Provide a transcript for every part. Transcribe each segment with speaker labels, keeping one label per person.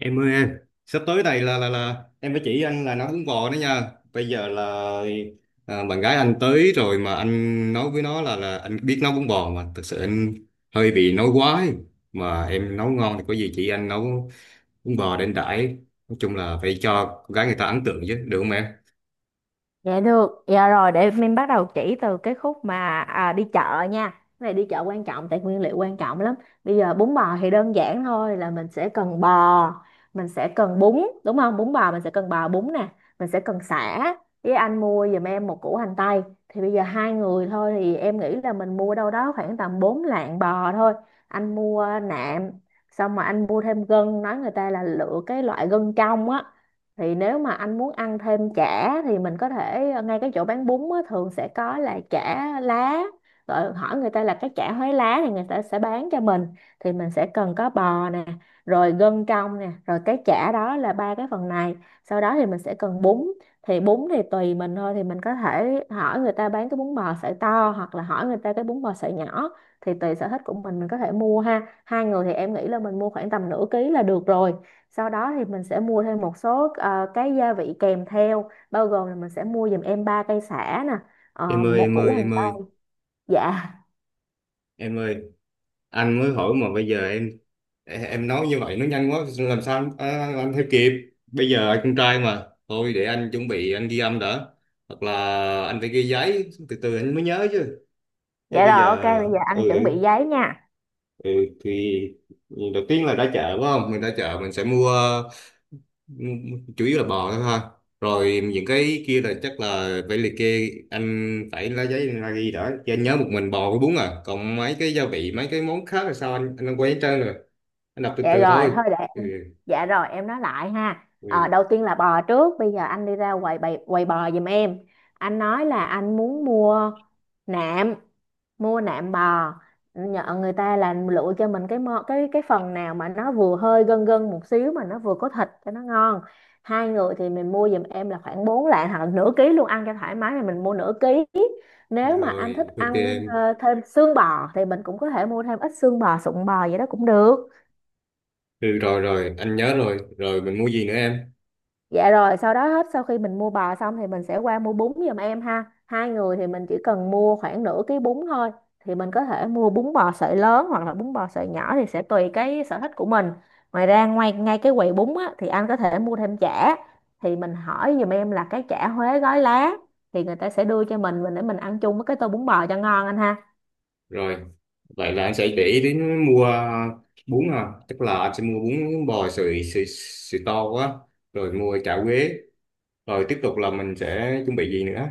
Speaker 1: Em ơi em, sắp tới này là em phải chỉ anh là nấu bún bò đó nha. Bây giờ là à, Bạn gái anh tới rồi mà anh nói với nó là anh biết nấu bún bò mà thực sự anh hơi bị nói quá ấy. Mà em nấu ngon thì có gì chị anh nấu bún bò để anh đãi. Nói chung là phải cho con gái người ta ấn tượng chứ, được không em?
Speaker 2: Dạ được, dạ rồi để mình bắt đầu chỉ từ cái khúc đi chợ nha. Cái này đi chợ quan trọng tại nguyên liệu quan trọng lắm. Bây giờ bún bò thì đơn giản thôi là mình sẽ cần bò, mình sẽ cần bún, đúng không? Bún bò mình sẽ cần bò bún nè, mình sẽ cần sả. Với anh mua giùm em một củ hành tây. Thì bây giờ hai người thôi thì em nghĩ là mình mua đâu đó khoảng tầm 4 lạng bò thôi. Anh mua nạm, xong mà anh mua thêm gân, nói người ta là lựa cái loại gân trong á thì nếu mà anh muốn ăn thêm chả thì mình có thể ngay cái chỗ bán bún á, thường sẽ có là chả lá, rồi hỏi người ta là cái chả Huế lá thì người ta sẽ bán cho mình. Thì mình sẽ cần có bò nè, rồi gân trong nè, rồi cái chả đó, là ba cái phần này. Sau đó thì mình sẽ cần bún. Thì bún thì tùy mình thôi, thì mình có thể hỏi người ta bán cái bún bò sợi to hoặc là hỏi người ta cái bún bò sợi nhỏ, thì tùy sở thích của mình. Mình có thể mua ha, hai người thì em nghĩ là mình mua khoảng tầm nửa ký là được rồi. Sau đó thì mình sẽ mua thêm một số cái gia vị kèm theo, bao gồm là mình sẽ mua giùm em 3 cây sả nè,
Speaker 1: Em ơi
Speaker 2: một
Speaker 1: em
Speaker 2: củ
Speaker 1: ơi
Speaker 2: hành
Speaker 1: em ơi
Speaker 2: tây. Dạ,
Speaker 1: em ơi, anh mới hỏi mà bây giờ em nói như vậy nó nhanh quá làm sao anh theo kịp. Bây giờ anh con trai mà thôi để anh chuẩn bị anh ghi âm đã, hoặc là anh phải ghi giấy từ từ anh mới nhớ chứ. Chứ
Speaker 2: dạ
Speaker 1: bây
Speaker 2: rồi, ok,
Speaker 1: giờ
Speaker 2: bây giờ anh
Speaker 1: ừ
Speaker 2: chuẩn bị
Speaker 1: ừ
Speaker 2: giấy nha.
Speaker 1: ừ, thì đầu tiên là ra chợ phải không, mình ra chợ mình sẽ mua chủ yếu là bò thôi ha. Rồi những cái kia là chắc là phải liệt kê, anh phải lấy giấy ra ghi đã chứ, anh nhớ một mình bò với bún à, còn mấy cái gia vị mấy cái món khác là sao, anh quay hết trơn rồi. Anh đọc từ
Speaker 2: Dạ
Speaker 1: từ
Speaker 2: rồi,
Speaker 1: thôi.
Speaker 2: thôi để
Speaker 1: ừ.
Speaker 2: em.
Speaker 1: ừ.
Speaker 2: Dạ rồi, em nói lại ha.
Speaker 1: Ừ,
Speaker 2: Ờ, đầu tiên là bò trước, bây giờ anh đi ra quầy bò giùm em. Anh nói là anh muốn nạm mua nạm bò, nhờ người ta là lựa cho mình cái mô, cái phần nào mà nó vừa hơi gân gân một xíu mà nó vừa có thịt cho nó ngon. Hai người thì mình mua giùm em là khoảng 4 lạng hoặc là nửa ký luôn, ăn cho thoải mái thì mình mua nửa ký. Nếu mà anh thích
Speaker 1: rồi, ok
Speaker 2: ăn
Speaker 1: em.
Speaker 2: thêm xương bò thì mình cũng có thể mua thêm ít xương bò, sụn bò vậy đó cũng được.
Speaker 1: Ừ, rồi, rồi, anh nhớ rồi. Rồi, mình mua gì nữa em?
Speaker 2: Dạ rồi, sau đó hết, sau khi mình mua bò xong thì mình sẽ qua mua bún giùm em ha. Hai người thì mình chỉ cần mua khoảng nửa ký bún thôi. Thì mình có thể mua bún bò sợi lớn hoặc là bún bò sợi nhỏ, thì sẽ tùy cái sở thích của mình. Ngoài ra ngoài Ngay cái quầy bún á, thì anh có thể mua thêm chả. Thì mình hỏi giùm em là cái chả Huế gói lá, thì người ta sẽ đưa cho mình để mình ăn chung với cái tô bún bò cho ngon anh ha.
Speaker 1: Rồi, vậy là anh sẽ để ý đến mua bún à. Tức là anh sẽ mua bún bò sợi to quá. Rồi mua chả quế. Rồi tiếp tục là mình sẽ chuẩn bị gì nữa?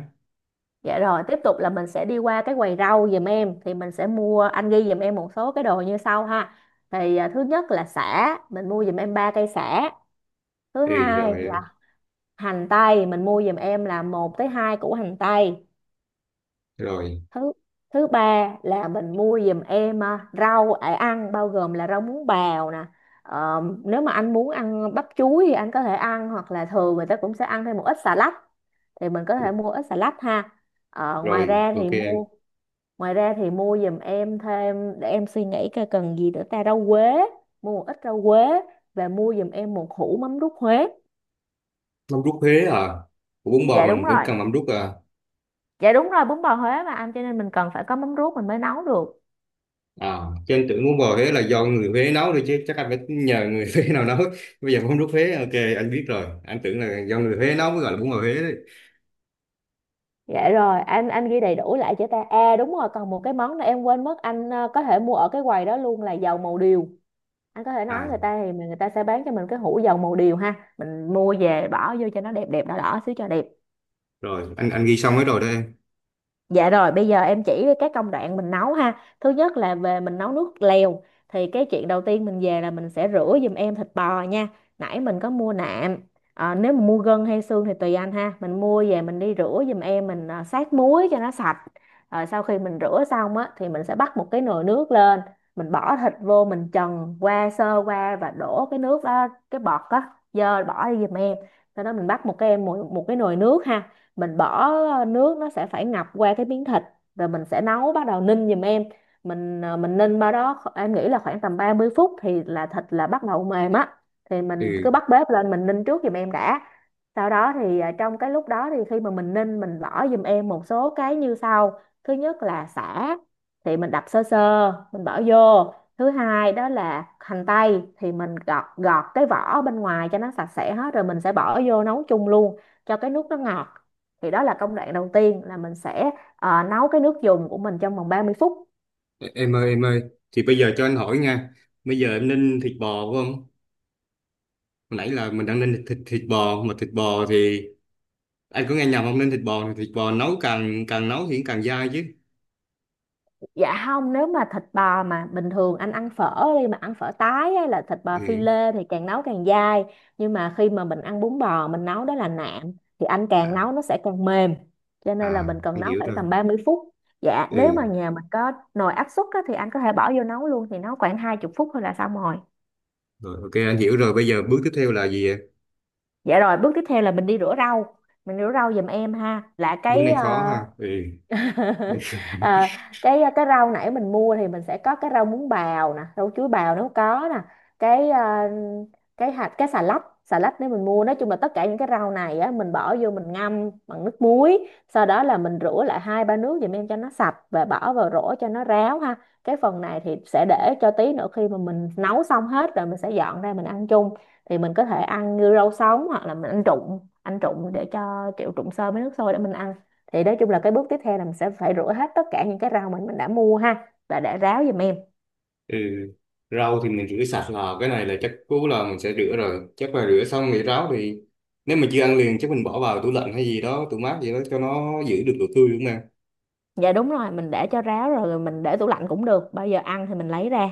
Speaker 2: Dạ rồi, tiếp tục là mình sẽ đi qua cái quầy rau giùm em, thì mình sẽ mua, anh ghi giùm em một số cái đồ như sau ha. Thì à, thứ nhất là sả, mình mua giùm em ba cây sả. Thứ
Speaker 1: Ừ,
Speaker 2: hai là hành tây, mình mua giùm em là một tới hai củ hành tây.
Speaker 1: rồi,
Speaker 2: Thứ thứ ba là mình mua giùm em à, rau để ăn, bao gồm là rau muống bào nè. Ờ, nếu mà anh muốn ăn bắp chuối thì anh có thể ăn, hoặc là thường người ta cũng sẽ ăn thêm một ít xà lách, thì mình có thể mua ít xà lách ha. Ờ, ngoài
Speaker 1: rồi,
Speaker 2: ra
Speaker 1: ok
Speaker 2: thì
Speaker 1: em.
Speaker 2: mua Ngoài ra thì mua giùm em thêm, để em suy nghĩ coi cần gì nữa ta, rau quế, mua một ít rau quế, và mua giùm em một hũ mắm ruốc Huế.
Speaker 1: Mắm rút Huế à. Của bún bò
Speaker 2: Dạ đúng
Speaker 1: mình vẫn
Speaker 2: rồi.
Speaker 1: cần mắm rút à.
Speaker 2: Dạ đúng rồi, bún bò Huế mà anh, cho nên mình cần phải có mắm ruốc mình mới nấu được.
Speaker 1: À, cho anh tưởng muốn bò Huế là do người Huế nấu thôi, chứ chắc anh phải nhờ người Huế nào nấu. Bây giờ không rút Huế, ok, anh biết rồi, anh tưởng là do người Huế nấu mới gọi là bún bò Huế đấy.
Speaker 2: Dạ rồi, anh ghi đầy đủ lại cho ta. À đúng rồi, còn một cái món nữa em quên mất, anh có thể mua ở cái quầy đó luôn, là dầu màu điều. Anh có thể nói
Speaker 1: à
Speaker 2: người ta thì người ta sẽ bán cho mình cái hũ dầu màu điều ha. Mình mua về bỏ vô cho nó đẹp, đẹp đỏ đỏ xíu cho đẹp.
Speaker 1: rồi, anh ghi xong hết rồi đó em.
Speaker 2: Dạ rồi, bây giờ em chỉ các công đoạn mình nấu ha. Thứ nhất là về mình nấu nước lèo. Thì cái chuyện đầu tiên mình về là mình sẽ rửa giùm em thịt bò nha. Nãy mình có mua nạm. Ờ, nếu mà mua gân hay xương thì tùy anh ha. Mình mua về mình đi rửa giùm em, mình sát muối cho nó sạch. Rồi sau khi mình rửa xong á, thì mình sẽ bắt một cái nồi nước lên. Mình bỏ thịt vô, mình trần qua sơ qua và đổ cái nước đó, cái bọt á, dơ, bỏ đi giùm em. Sau đó mình bắt một cái em một cái nồi nước ha, mình bỏ nước nó sẽ phải ngập qua cái miếng thịt, rồi mình sẽ nấu, bắt đầu ninh giùm em. Mình mình ninh em nghĩ là khoảng tầm 30 phút thì là thịt là bắt đầu mềm á, thì
Speaker 1: ừ
Speaker 2: mình cứ bắt bếp lên mình ninh trước giùm em đã. Sau đó thì trong cái lúc đó, thì khi mà mình ninh, mình bỏ giùm em một số cái như sau. Thứ nhất là sả, thì mình đập sơ sơ mình bỏ vô. Thứ hai đó là hành tây, thì mình gọt, gọt cái vỏ bên ngoài cho nó sạch sẽ hết rồi mình sẽ bỏ vô nấu chung luôn cho cái nước nó ngọt. Thì đó là công đoạn đầu tiên, là mình sẽ nấu cái nước dùng của mình trong vòng 30 phút.
Speaker 1: e, em ơi em ơi thì bây giờ cho anh hỏi nha, bây giờ em ninh thịt bò phải không? Hồi nãy là mình đang ninh thịt thịt bò, mà thịt bò thì anh có nghe nhầm không, ninh thịt bò thì thịt bò nấu càng càng nấu thì càng dai chứ.
Speaker 2: Dạ không, nếu mà thịt bò mà bình thường anh ăn phở, đi mà ăn phở tái hay là thịt bò phi
Speaker 1: Ừ,
Speaker 2: lê thì càng nấu càng dai. Nhưng mà khi mà mình ăn bún bò mình nấu đó là nạm, thì anh càng
Speaker 1: à,
Speaker 2: nấu nó sẽ càng mềm. Cho nên là
Speaker 1: à,
Speaker 2: mình cần
Speaker 1: anh
Speaker 2: nấu
Speaker 1: hiểu
Speaker 2: khoảng
Speaker 1: rồi.
Speaker 2: tầm 30 phút. Dạ, nếu mà
Speaker 1: Ừ,
Speaker 2: nhà mình có nồi áp suất á, thì anh có thể bỏ vô nấu luôn thì nấu khoảng 20 phút thôi là xong rồi.
Speaker 1: rồi, ok anh hiểu rồi, bây giờ bước tiếp theo là gì ạ?
Speaker 2: Dạ rồi, bước tiếp theo là mình đi rửa rau. Mình rửa rau giùm em ha.
Speaker 1: Bước này khó ha. Ừ.
Speaker 2: À, cái rau nãy mình mua, thì mình sẽ có cái rau muống bào nè, rau chuối bào nếu có nè, cái à, cái xà lách, nếu mình mua, nói chung là tất cả những cái rau này á, mình bỏ vô mình ngâm bằng nước muối, sau đó là mình rửa lại hai ba nước giùm em cho nó sạch và bỏ vào rổ cho nó ráo ha. Cái phần này thì sẽ để cho tí nữa, khi mà mình nấu xong hết rồi mình sẽ dọn ra mình ăn chung. Thì mình có thể ăn như rau sống, hoặc là mình ăn trụng, ăn trụng để cho kiểu trụng sơ với nước sôi để mình ăn. Thì nói chung là cái bước tiếp theo là mình sẽ phải rửa hết tất cả những cái rau mình đã mua ha, và để ráo giùm em.
Speaker 1: Ừ. Rau thì mình rửa sạch, là cái này là chắc cú là mình sẽ rửa, rồi chắc là rửa xong thì ráo, thì nếu mà chưa ăn liền chắc mình bỏ vào tủ lạnh hay gì đó, tủ mát gì đó cho nó giữ được độ tươi, đúng không em?
Speaker 2: Dạ đúng rồi, mình để cho ráo rồi mình để tủ lạnh cũng được, bao giờ ăn thì mình lấy ra.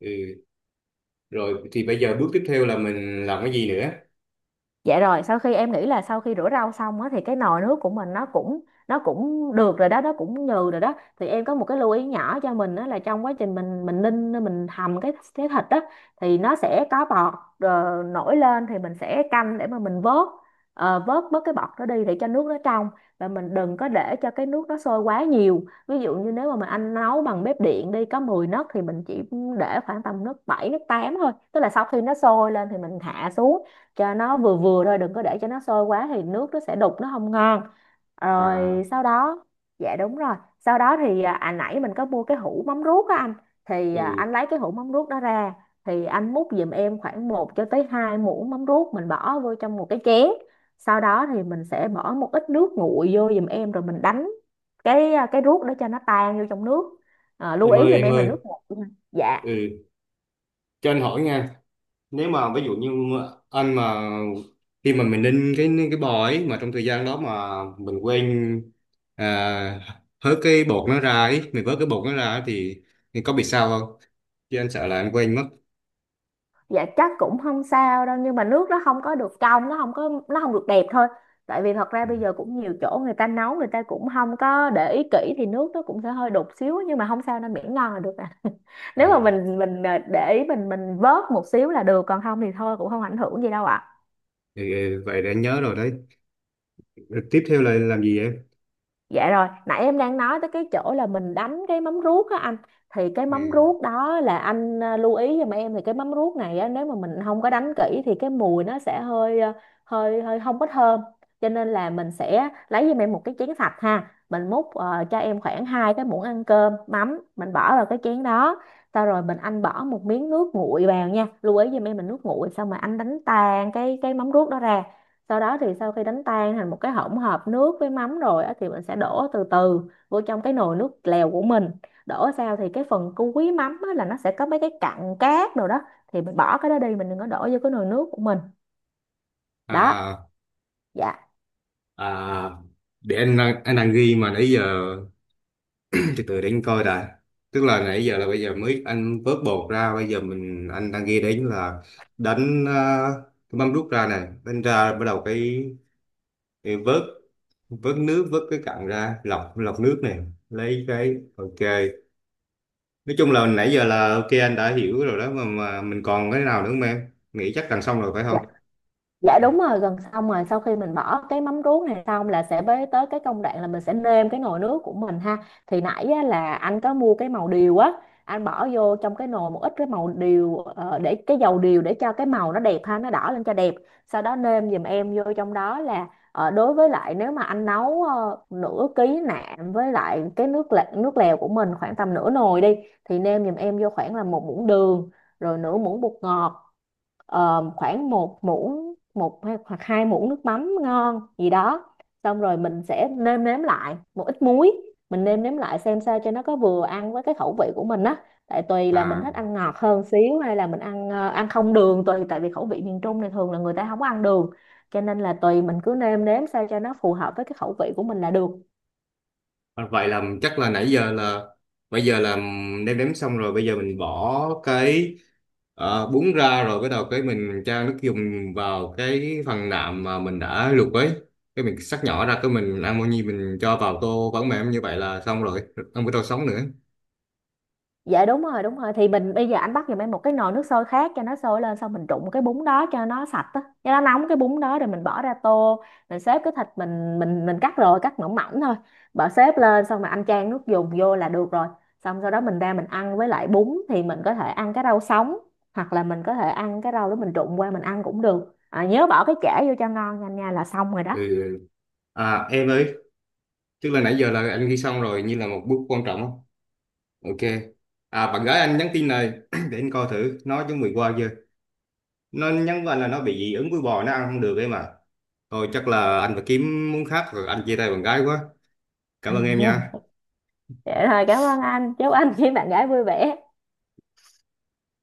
Speaker 1: Ừ. Rồi thì bây giờ bước tiếp theo là mình làm cái gì nữa?
Speaker 2: Dạ rồi, sau khi em nghĩ là sau khi rửa rau xong á, thì cái nồi nước của mình nó cũng được rồi đó, nó cũng nhừ rồi đó. Thì em có một cái lưu ý nhỏ cho mình, đó là trong quá trình mình ninh mình hầm cái thịt á, thì nó sẽ có bọt nổi lên, thì mình sẽ canh để mà mình vớt vớt bớt cái bọt đó đi để cho nước nó trong. Và mình đừng có để cho cái nước nó sôi quá nhiều. Ví dụ như nếu mà mình ăn nấu bằng bếp điện đi, có 10 nấc thì mình chỉ để khoảng tầm nấc 7 nấc 8 thôi. Tức là sau khi nó sôi lên thì mình hạ xuống cho nó vừa vừa thôi, đừng có để cho nó sôi quá thì nước nó sẽ đục, nó không ngon. Rồi
Speaker 1: à
Speaker 2: sau đó, dạ, đúng rồi, sau đó thì nãy mình có mua cái hũ mắm ruốc á anh, thì
Speaker 1: ừ.
Speaker 2: anh lấy cái hũ mắm ruốc đó ra, thì anh múc giùm em khoảng một cho tới 2 muỗng mắm ruốc, mình bỏ vô trong một cái chén. Sau đó thì mình sẽ bỏ một ít nước nguội vô giùm em, rồi mình đánh cái cái ruốc để cho nó tan vô trong nước. À, lưu
Speaker 1: em
Speaker 2: ý
Speaker 1: ơi
Speaker 2: giùm
Speaker 1: em
Speaker 2: em là
Speaker 1: ơi
Speaker 2: nước nguội nha. Dạ,
Speaker 1: ừ, cho anh hỏi nha, nếu mà ví dụ như anh mà khi mà mình ninh cái bò ấy mà trong thời gian đó mà mình quên à, hớt cái bột nó ra ấy, mình vớt cái bột nó ra ấy, thì có bị sao không, chứ anh sợ là anh quên mất.
Speaker 2: dạ chắc cũng không sao đâu, nhưng mà nước nó không có được trong, nó không có, nó không được đẹp thôi. Tại vì thật ra
Speaker 1: Ừ.
Speaker 2: bây giờ cũng nhiều chỗ người ta nấu, người ta cũng không có để ý kỹ thì nước nó cũng sẽ hơi đục xíu, nhưng mà không sao, nên miễn ngon là được à.
Speaker 1: Ừ,
Speaker 2: Nếu mà mình để ý, mình vớt một xíu là được, còn không thì thôi cũng không ảnh hưởng gì đâu ạ.
Speaker 1: ừ, vậy để anh nhớ rồi đấy. Ừ, tiếp theo là làm gì em?
Speaker 2: Dạ rồi, nãy em đang nói tới cái chỗ là mình đánh cái móng ruốc á anh. Thì cái móng
Speaker 1: ừ.
Speaker 2: ruốc đó là anh, lưu ý giùm em. Thì cái móng ruốc này á, nếu mà mình không có đánh kỹ thì cái mùi nó sẽ hơi, hơi hơi không có thơm. Cho nên là mình sẽ lấy giùm em một cái chén sạch ha. Mình múc cho em khoảng hai cái muỗng ăn cơm mắm, mình bỏ vào cái chén đó. Sau rồi anh bỏ một miếng nước nguội vào nha. Lưu ý giùm em mình nước nguội. Xong mà anh đánh tan cái móng ruốc đó ra. Sau đó thì sau khi đánh tan thành một cái hỗn hợp nước với mắm rồi á, thì mình sẽ đổ từ từ vô trong cái nồi nước lèo của mình. Đổ sao thì cái phần cuối mắm á, là nó sẽ có mấy cái cặn cát rồi đó, thì mình bỏ cái đó đi, mình đừng có đổ vô cái nồi nước của mình. Đó,
Speaker 1: à
Speaker 2: dạ.
Speaker 1: à để anh đang ghi mà nãy giờ, từ từ để anh coi đã. Tức là nãy giờ là bây giờ mới anh vớt bột ra, bây giờ anh đang ghi đến là đánh cái mâm đút ra này đánh ra, bắt đầu cái vớt vớt nước, vớt cái cặn ra, lọc lọc nước này lấy cái, ok. Nói chung là nãy giờ là ok, anh đã hiểu rồi đó, mà mình còn cái nào nữa không, em nghĩ chắc gần xong rồi phải không?
Speaker 2: Dạ đúng rồi, gần xong rồi, sau khi mình bỏ cái mắm ruốc này xong là sẽ bế tới cái công đoạn là mình sẽ nêm cái nồi nước của mình ha. Thì nãy á, là anh có mua cái màu điều á, anh bỏ vô trong cái nồi một ít cái màu điều, để cái dầu điều để cho cái màu nó đẹp ha, nó đỏ lên cho đẹp. Sau đó nêm giùm em vô trong đó là đối với lại nếu mà anh nấu nửa ký nạm với lại cái nước lè, nước lèo của mình khoảng tầm nửa nồi đi, thì nêm giùm em vô khoảng là một muỗng đường, rồi nửa muỗng bột ngọt, khoảng một muỗng một hay- hoặc hai muỗng nước mắm ngon gì đó, xong rồi mình sẽ nêm nếm lại một ít muối. Mình nêm nếm lại xem sao cho nó có vừa ăn với cái khẩu vị của mình á. Tại tùy là mình
Speaker 1: À.
Speaker 2: thích ăn ngọt hơn xíu, hay là mình ăn ăn không đường, tùy, tại vì khẩu vị miền Trung này thường là người ta không có ăn đường, cho nên là tùy mình cứ nêm nếm sao cho nó phù hợp với cái khẩu vị của mình là được.
Speaker 1: À, vậy là chắc là nãy giờ là bây giờ là nêm nếm xong rồi, bây giờ mình bỏ cái bún ra rồi bắt đầu cái mình cho nước dùng vào cái phần nạm mà mình đã luộc ấy, cái mình xắt nhỏ ra, cái mình ăn bao nhiêu mình cho vào tô vẫn mềm, như vậy là xong rồi, không có tô sống nữa.
Speaker 2: Dạ đúng rồi, đúng rồi, thì mình bây giờ anh bắt giùm em một cái nồi nước sôi khác, cho nó sôi lên, xong mình trụng cái bún đó cho nó sạch á, cho nó nóng cái bún đó rồi mình bỏ ra tô. Mình xếp cái thịt mình mình cắt rồi, cắt mỏng mỏng thôi, bỏ xếp lên, xong mà anh chan nước dùng vô là được rồi. Xong sau đó mình ra mình ăn với lại bún, thì mình có thể ăn cái rau sống, hoặc là mình có thể ăn cái rau đó mình trụng qua mình ăn cũng được. À, nhớ bỏ cái chả vô cho ngon nha anh nha, là xong rồi đó.
Speaker 1: Ừ. À em ơi, tức là nãy giờ là anh ghi xong rồi như là một bước quan trọng không. Ok. À bạn gái anh nhắn tin này để anh coi thử nó chuẩn bị qua chưa. Nó nhắn với anh là nó bị dị ứng với bò, nó ăn không được ấy mà. Thôi chắc là anh phải kiếm món khác rồi, anh chia tay bạn gái quá. Cảm ơn em nha.
Speaker 2: Vậy thôi, cảm ơn anh, chúc anh với bạn gái vui vẻ.